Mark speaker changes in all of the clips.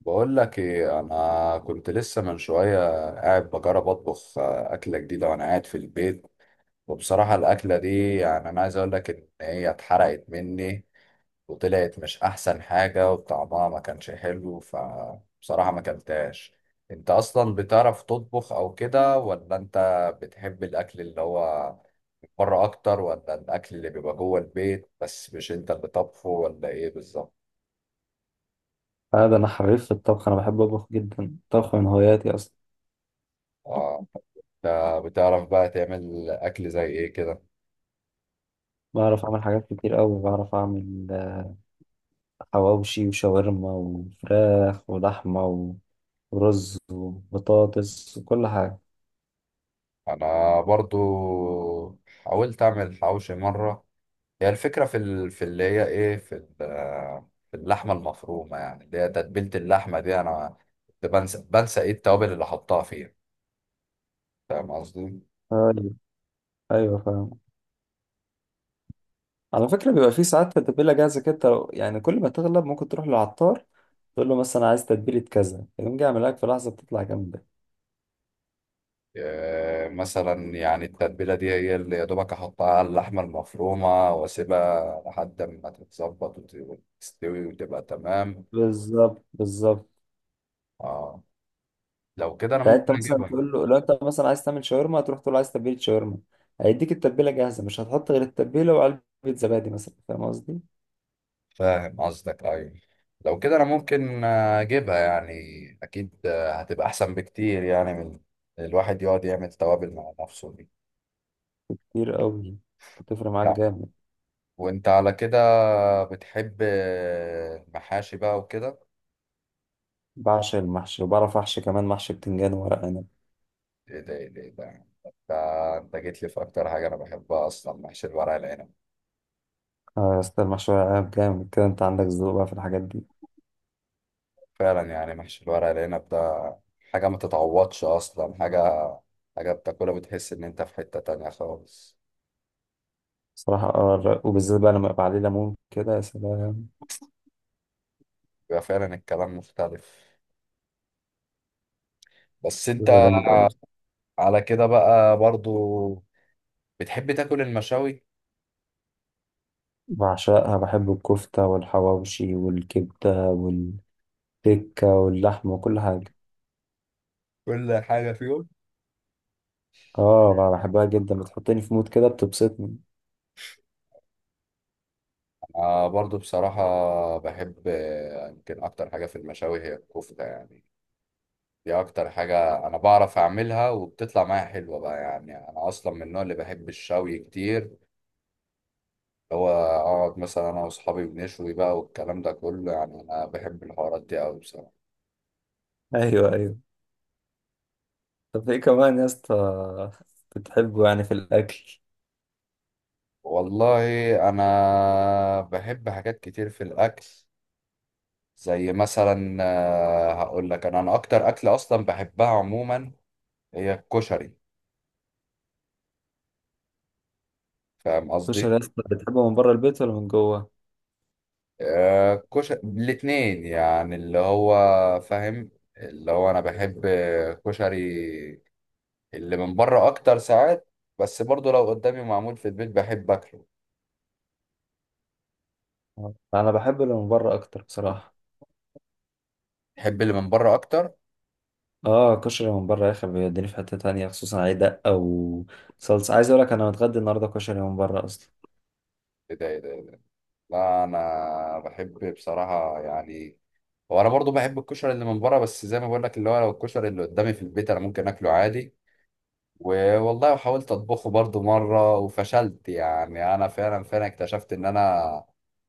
Speaker 1: بقول لك ايه، انا كنت لسه من شويه قاعد بجرب اطبخ اكله جديده وانا قاعد في البيت. وبصراحه الاكله دي يعني انا عايز اقول لك ان هي اتحرقت مني وطلعت مش احسن حاجه وطعمها ما كانش حلو، فبصراحه ما كلتهاش. انت اصلا بتعرف تطبخ او كده، ولا انت بتحب الاكل اللي هو بره اكتر، ولا الاكل اللي بيبقى جوه البيت بس مش انت اللي طبخه، ولا ايه بالظبط؟
Speaker 2: اه ده انا حريف في الطبخ، انا بحب اطبخ جدا. الطبخ من هواياتي اصلا.
Speaker 1: انت بتعرف بقى تعمل اكل زي ايه كده؟
Speaker 2: بعرف اعمل حاجات كتير قوي. بعرف اعمل حواوشي وشاورما وفراخ ولحمه ورز وبطاطس وكل حاجه.
Speaker 1: انا برضو حاولت اعمل حواوشي مره. هي الفكره في اللي هي ايه في اللحمه المفرومه، يعني اللي هي تتبيله اللحمه دي انا كنت بنسى ايه التوابل اللي حطها فيها. فاهم قصدي؟
Speaker 2: ايوه ايوه فاهم. على فكره بيبقى في ساعات تتبيله جاهزه كده، يعني كل ما تغلب ممكن تروح للعطار تقول له مثلا عايز تتبيله كذا، يقوم جاي يعمل لك في لحظه بتطلع جامده.
Speaker 1: مثلا يعني التتبيله دي هي اللي يا دوبك احطها على اللحمه المفرومه واسيبها لحد ما تتظبط وتستوي وتبقى تمام.
Speaker 2: بالظبط بالظبط.
Speaker 1: اه، لو كده انا
Speaker 2: يعني انت
Speaker 1: ممكن
Speaker 2: مثلا
Speaker 1: اجيبها.
Speaker 2: تقول له لو انت مثلا عايز تعمل شاورما، هتروح تقول له عايز تتبيله شاورما، هيديك التتبيله جاهزه، مش هتحط غير التتبيله وعلبه زبادي مثلا، فاهم قصدي؟
Speaker 1: فاهم قصدك، ايوه. لو كده انا ممكن اجيبها يعني. اكيد هتبقى احسن بكتير يعني من الواحد يقعد يعمل توابل مع نفسه دي.
Speaker 2: كتير قوي، بتفرق معاك
Speaker 1: لا،
Speaker 2: جامد.
Speaker 1: وانت على كده بتحب المحاشي بقى وكده؟
Speaker 2: بعشق المحشي وبعرف احشي كمان، محشي بتنجان وورق عنب.
Speaker 1: ايه ده، ايه ده، إيه ده! انت انت جيت لي في اكتر حاجه انا بحبها اصلا، محشي الورق العنب.
Speaker 2: اه يا اسطى، المحشي ورق عنب جامد كده، انت عندك ذوق بقى في الحاجات دي.
Speaker 1: فعلا يعني محشي الورق العنب ده حاجه ما تتعوضش اصلا، حاجه بتاكلها بتحس ان انت في حته تانية خالص.
Speaker 2: صراحه اه وبالذات بقى لما يبقى عليه ليمون كده، يا سلام.
Speaker 1: بيبقى فعلا الكلام مختلف. بس
Speaker 2: بيبقى
Speaker 1: انت
Speaker 2: جامد قوي.
Speaker 1: على كده بقى برضو بتحب تاكل المشاوي؟
Speaker 2: بعشقها، بحب الكفته والحواوشي والكبده والتكه واللحمه وكل حاجه.
Speaker 1: كل حاجة فيهم؟
Speaker 2: اه بقى بحبها جدا، بتحطني في مود كده، بتبسطني.
Speaker 1: برضو بصراحة، بحب يمكن أكتر حاجة في المشاوي هي الكفتة يعني. دي أكتر حاجة أنا بعرف أعملها وبتطلع معايا حلوة بقى، يعني أنا أصلا من النوع اللي بحب الشوي كتير، اللي هو أقعد مثلا أنا وأصحابي بنشوي بقى والكلام ده كله، يعني أنا بحب الحوارات دي أوي بصراحة.
Speaker 2: ايوه ايوه، طب ايه كمان يا اسطى بتحبه يعني في الاكل؟
Speaker 1: والله، أنا بحب حاجات كتير في الأكل، زي مثلا هقول لك، انا اكتر اكله اصلا بحبها عموما هي الكشري. فاهم
Speaker 2: الكشري
Speaker 1: قصدي؟
Speaker 2: يا اسطى بتحبه من بره البيت ولا من جوه؟
Speaker 1: كشري الاتنين يعني، اللي هو فاهم، اللي هو انا بحب كشري اللي من بره اكتر ساعات، بس برضو لو قدامي معمول في البيت بحب اكله.
Speaker 2: آه، انا بحب اللي من بره اكتر بصراحه.
Speaker 1: بحب اللي من بره اكتر.
Speaker 2: اه كشري من بره يا اخي بيوديني في حته تانية، خصوصا عليه دقه وصلصه. عايز اقول لك انا متغدي النهارده كشري من بره اصلا.
Speaker 1: ايه ده، ايه ده، إيه ده؟ لا، انا بحب بصراحه، يعني هو انا برضو بحب الكشري اللي من بره، بس زي ما بقول لك اللي هو لو الكشري اللي قدامي في البيت انا ممكن اكله عادي. والله حاولت اطبخه برضو مره وفشلت، يعني انا فعلا فعلا اكتشفت ان انا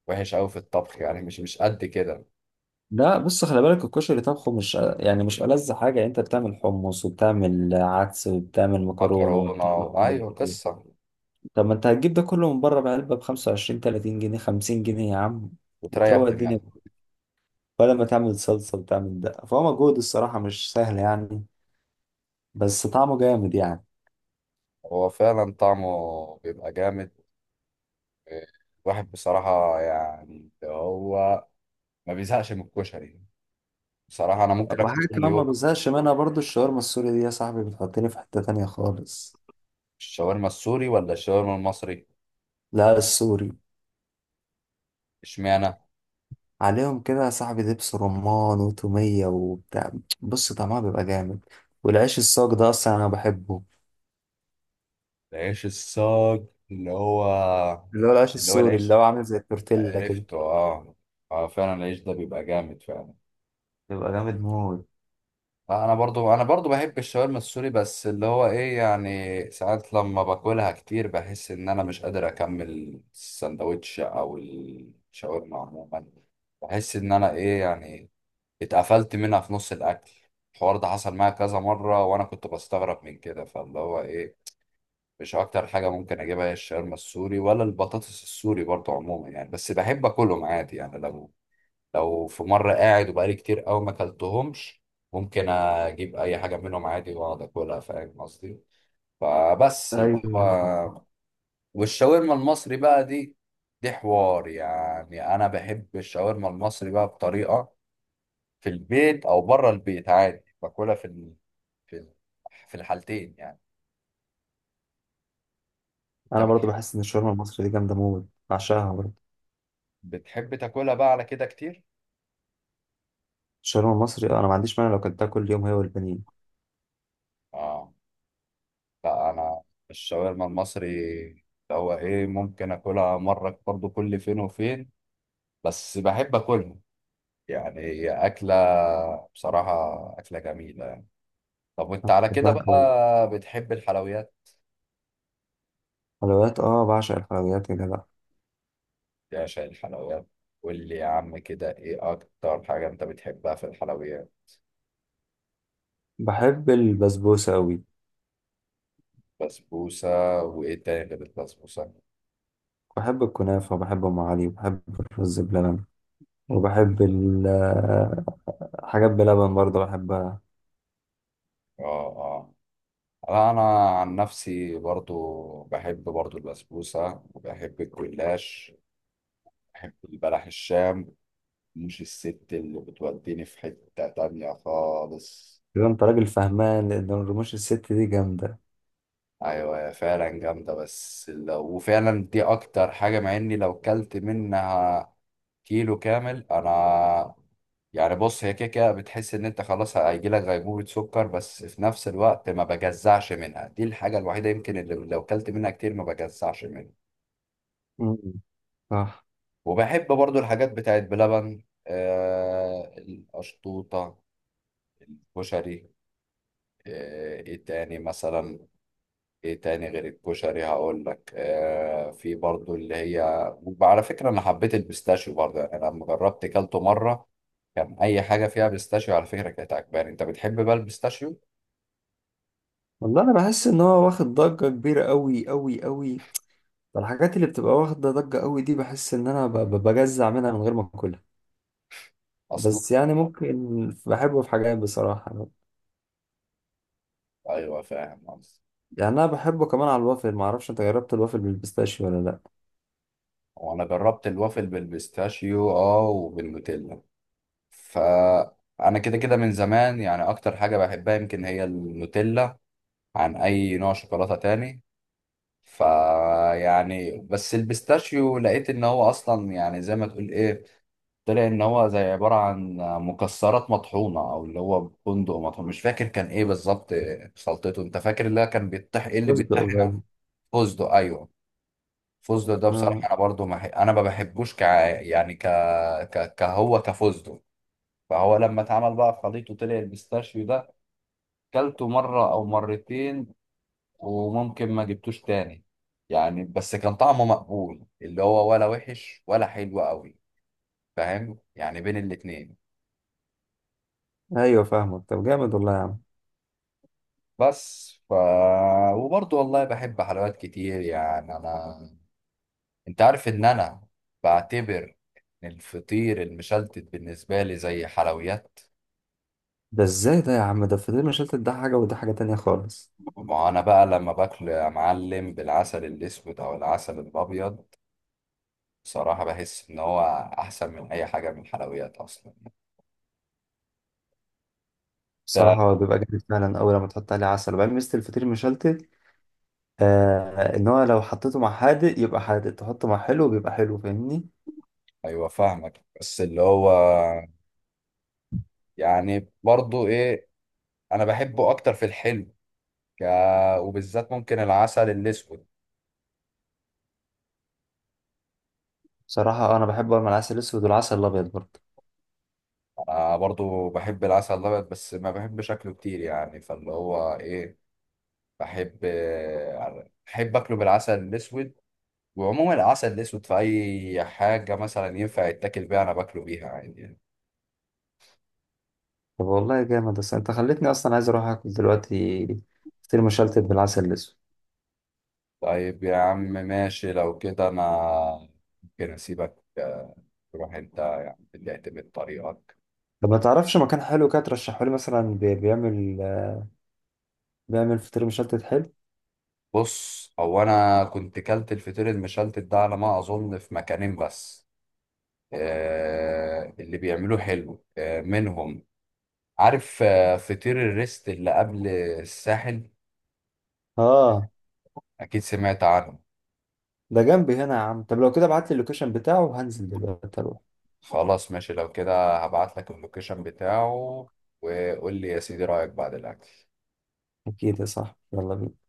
Speaker 1: وحش قوي في الطبخ، يعني مش قد كده.
Speaker 2: لا بص، خلي بالك، الكشري طبخه مش يعني مش ألذ حاجه. انت بتعمل حمص وبتعمل عدس وبتعمل مكرونه
Speaker 1: مكرونه
Speaker 2: وبتعمل،
Speaker 1: ايوه قصه.
Speaker 2: طب ما انت هتجيب ده كله من بره بعلبة ب 25 30 جنيه 50 جنيه يا عم
Speaker 1: وتريح
Speaker 2: وتروق الدنيا؟
Speaker 1: دماغك.
Speaker 2: ولا ما تعمل صلصة وتعمل دقة، فهو مجهود الصراحة مش سهل يعني، بس طعمه جامد يعني.
Speaker 1: هو فعلا طعمه بيبقى جامد. الواحد بصراحه، يعني هو ما بيزهقش من الكشري يعني. بصراحه انا ممكن اكل
Speaker 2: وحاجة
Speaker 1: كل
Speaker 2: كمان ما
Speaker 1: يوم.
Speaker 2: بزهقش منها برضو، الشاورما السوري دي يا صاحبي بتحطني في حتة تانية خالص.
Speaker 1: الشاورما السوري ولا الشاورما المصري؟
Speaker 2: لا السوري.
Speaker 1: اشمعنى؟
Speaker 2: عليهم كده يا صاحبي دبس رمان وتومية وبتاع، بص طعمها بيبقى جامد. والعيش الصاج ده أصلا أنا بحبه،
Speaker 1: العيش الصاج، اللي هو
Speaker 2: اللي هو العيش
Speaker 1: اللي هو
Speaker 2: السوري اللي
Speaker 1: العيش،
Speaker 2: هو عامل زي التورتيلا كده.
Speaker 1: عرفته اه. اه فعلا العيش ده بيبقى جامد فعلا.
Speaker 2: بيبقى جامد موت.
Speaker 1: لا، انا برضو بحب الشاورما السوري، بس اللي هو ايه يعني ساعات لما باكلها كتير بحس ان انا مش قادر اكمل السندوتش او الشاورما عموما. بحس ان انا ايه يعني اتقفلت منها في نص الاكل. الحوار ده حصل معايا كذا مرة وانا كنت بستغرب من كده، فاللي هو ايه مش اكتر حاجة ممكن اجيبها هي الشاورما السوري ولا البطاطس السوري برضو عموما يعني. بس بحب اكلهم عادي يعني، لو في مرة قاعد وبقالي كتير قوي ما اكلتهمش ممكن اجيب اي حاجة منهم عادي واقعد اكلها. فاهم قصدي؟ فبس اللي
Speaker 2: ايوه
Speaker 1: هو. والشاورما المصري بقى دي، دي حوار يعني، انا بحب الشاورما المصري بقى بطريقة في البيت او بره البيت عادي، باكلها في ال... في الحالتين يعني.
Speaker 2: انا
Speaker 1: انت
Speaker 2: برضو بحس ان الشاورما المصري دي جامده موت، بعشقها برضو.
Speaker 1: بتحب تاكلها بقى على كده كتير؟
Speaker 2: الشاورما المصري انا ما عنديش مانع لو كلتها كل يوم، هي والبانيه.
Speaker 1: اه، لا انا، الشاورما المصري اللي هو ايه ممكن اكلها مرة برضو كل فين وفين، بس بحب اكلها يعني، هي اكله بصراحه اكله جميله يعني. طب وانت على كده
Speaker 2: بحبها قوي.
Speaker 1: بقى، بتحب الحلويات؟
Speaker 2: حلويات اه، بعشق الحلويات يا جدع.
Speaker 1: يا عشان الحلويات، قول لي يا عم كده، ايه اكتر حاجه انت بتحبها في الحلويات؟
Speaker 2: بحب البسبوسه قوي.
Speaker 1: بسبوسه؟ وايه تاني غير البسبوسه؟
Speaker 2: بحب الكنافه وبحب ام علي وبحب الرز بلبن وبحب حاجات بلبن برضو بحبها.
Speaker 1: اه، اه. لا، انا عن نفسي برضو بحب برضو البسبوسه، وبحب الجلاش، بحب البلح الشام مش الست اللي بتوديني في حته تانية خالص.
Speaker 2: كده انت راجل فهمان، لان الرموش الست دي جامده.
Speaker 1: ايوه هي فعلا جامده، بس لو وفعلا دي اكتر حاجه، مع اني لو كلت منها كيلو كامل انا يعني، بص هي كده كده بتحس ان انت خلاص هيجي لك غيبوبه سكر، بس في نفس الوقت ما بجزعش منها، دي الحاجه الوحيده يمكن اللي لو كلت منها كتير ما بجزعش منها.
Speaker 2: مم. صح.
Speaker 1: وبحب برضو الحاجات بتاعت بلبن القشطوطه، كشري، ايه تاني مثلا؟ ايه تاني غير الكشري؟ هقول لك في برضو اللي هي، وعلى فكرة انا حبيت البيستاشيو برضو يعني، انا لما جربت كلته مرة كان اي حاجة فيها بيستاشيو على فكرة كانت عجباني. انت بتحب بقى البيستاشيو
Speaker 2: والله انا بحس ان هو واخد ضجه كبيره قوي قوي قوي. الحاجات اللي بتبقى واخده ضجه قوي دي بحس ان انا بجزع منها من غير ما اكلها.
Speaker 1: اصلا؟
Speaker 2: بس يعني ممكن بحبه في حاجات بصراحة.
Speaker 1: ايوه فاهم قصدي.
Speaker 2: يعني أنا بحبه كمان على الوافل. معرفش أنت جربت الوافل بالبيستاشيو ولا لأ؟
Speaker 1: وانا جربت الوافل بالبيستاشيو اه وبالنوتيلا، فانا كده كده من زمان يعني اكتر حاجة بحبها يمكن هي النوتيلا عن اي نوع شوكولاتة تاني. فيعني بس البيستاشيو لقيت ان هو اصلا يعني زي ما تقول ايه، طلع ان هو زي عباره عن مكسرات مطحونه، او اللي هو بندق مطحون، مش فاكر كان ايه بالظبط خلطته، انت فاكر اللي هو كان بيتطحن ايه، اللي
Speaker 2: بس ده
Speaker 1: بيتطحن على؟
Speaker 2: قليل.
Speaker 1: فستق، ايوه. فستق ده بصراحه
Speaker 2: آه
Speaker 1: انا برضو ما ح- انا ما بحبوش ك يعني، كهو كفستق. فهو لما اتعمل بقى خليط وطلع البيستاشيو ده كلته مره او مرتين، وممكن ما جبتوش تاني يعني. بس كان طعمه مقبول اللي هو، ولا وحش ولا حلو قوي، فاهم يعني بين الاتنين.
Speaker 2: أيوة فاهمك، طب جامد والله يا عم.
Speaker 1: بس وبرضه والله بحب حلويات كتير يعني انا، انت عارف ان انا بعتبر ان الفطير المشلتت بالنسبه لي زي حلويات.
Speaker 2: ده إزاي ده يا عم؟ ده الفطير مشلتت ده حاجة، وده حاجة تانية خالص.
Speaker 1: ما انا بقى لما باكله يا معلم بالعسل الاسود او العسل الابيض بصراحه بحس ان هو احسن من اي حاجه من الحلويات اصلا.
Speaker 2: بصراحة
Speaker 1: ده
Speaker 2: هو بيبقى جامد فعلا، أول لما تحط عليه عسل. وبعدين ميزة الفطير مشلتت إن هو لو حطيته مع حادق يبقى حادق، تحطه مع حلو بيبقى حلو، فاهمني؟
Speaker 1: ايوه فاهمك، بس اللي هو يعني برضه ايه، انا بحبه اكتر في الحلو، ك... وبالذات ممكن العسل الاسود.
Speaker 2: بصراحة أنا بحبه مع العسل الأسود والعسل الأبيض برضه.
Speaker 1: انا برضو بحب العسل الابيض بس ما بحب شكله كتير يعني، فاللي هو ايه، بحب بحب اكله بالعسل الاسود. وعموما العسل الاسود في اي حاجه مثلا ينفع يتاكل بيها انا باكله بيها عادي يعني.
Speaker 2: طب والله جامد، بس انت خلتني اصلا عايز اروح اكل دلوقتي فطير مشلتت بالعسل الاسود.
Speaker 1: طيب يا عم ماشي، لو كده انا ممكن اسيبك تروح انت يعني تعتمد طريقك.
Speaker 2: طب ما تعرفش مكان حلو كده ترشحه لي مثلا بيعمل فطير مشلتت حلو؟
Speaker 1: بص هو انا كنت كلت الفطير المشلتت ده على ما اظن في مكانين بس، اللي بيعملوه حلو منهم، عارف فطير الريست اللي قبل الساحل؟
Speaker 2: اه
Speaker 1: اكيد سمعت عنه.
Speaker 2: ده جنبي هنا يا عم، طب لو كده ابعت لي اللوكيشن بتاعه وهنزل دلوقتي اروح.
Speaker 1: خلاص ماشي، لو كده هبعت لك اللوكيشن بتاعه، وقول لي يا سيدي رأيك بعد الاكل.
Speaker 2: اكيد يا صاحبي، يلا بينا.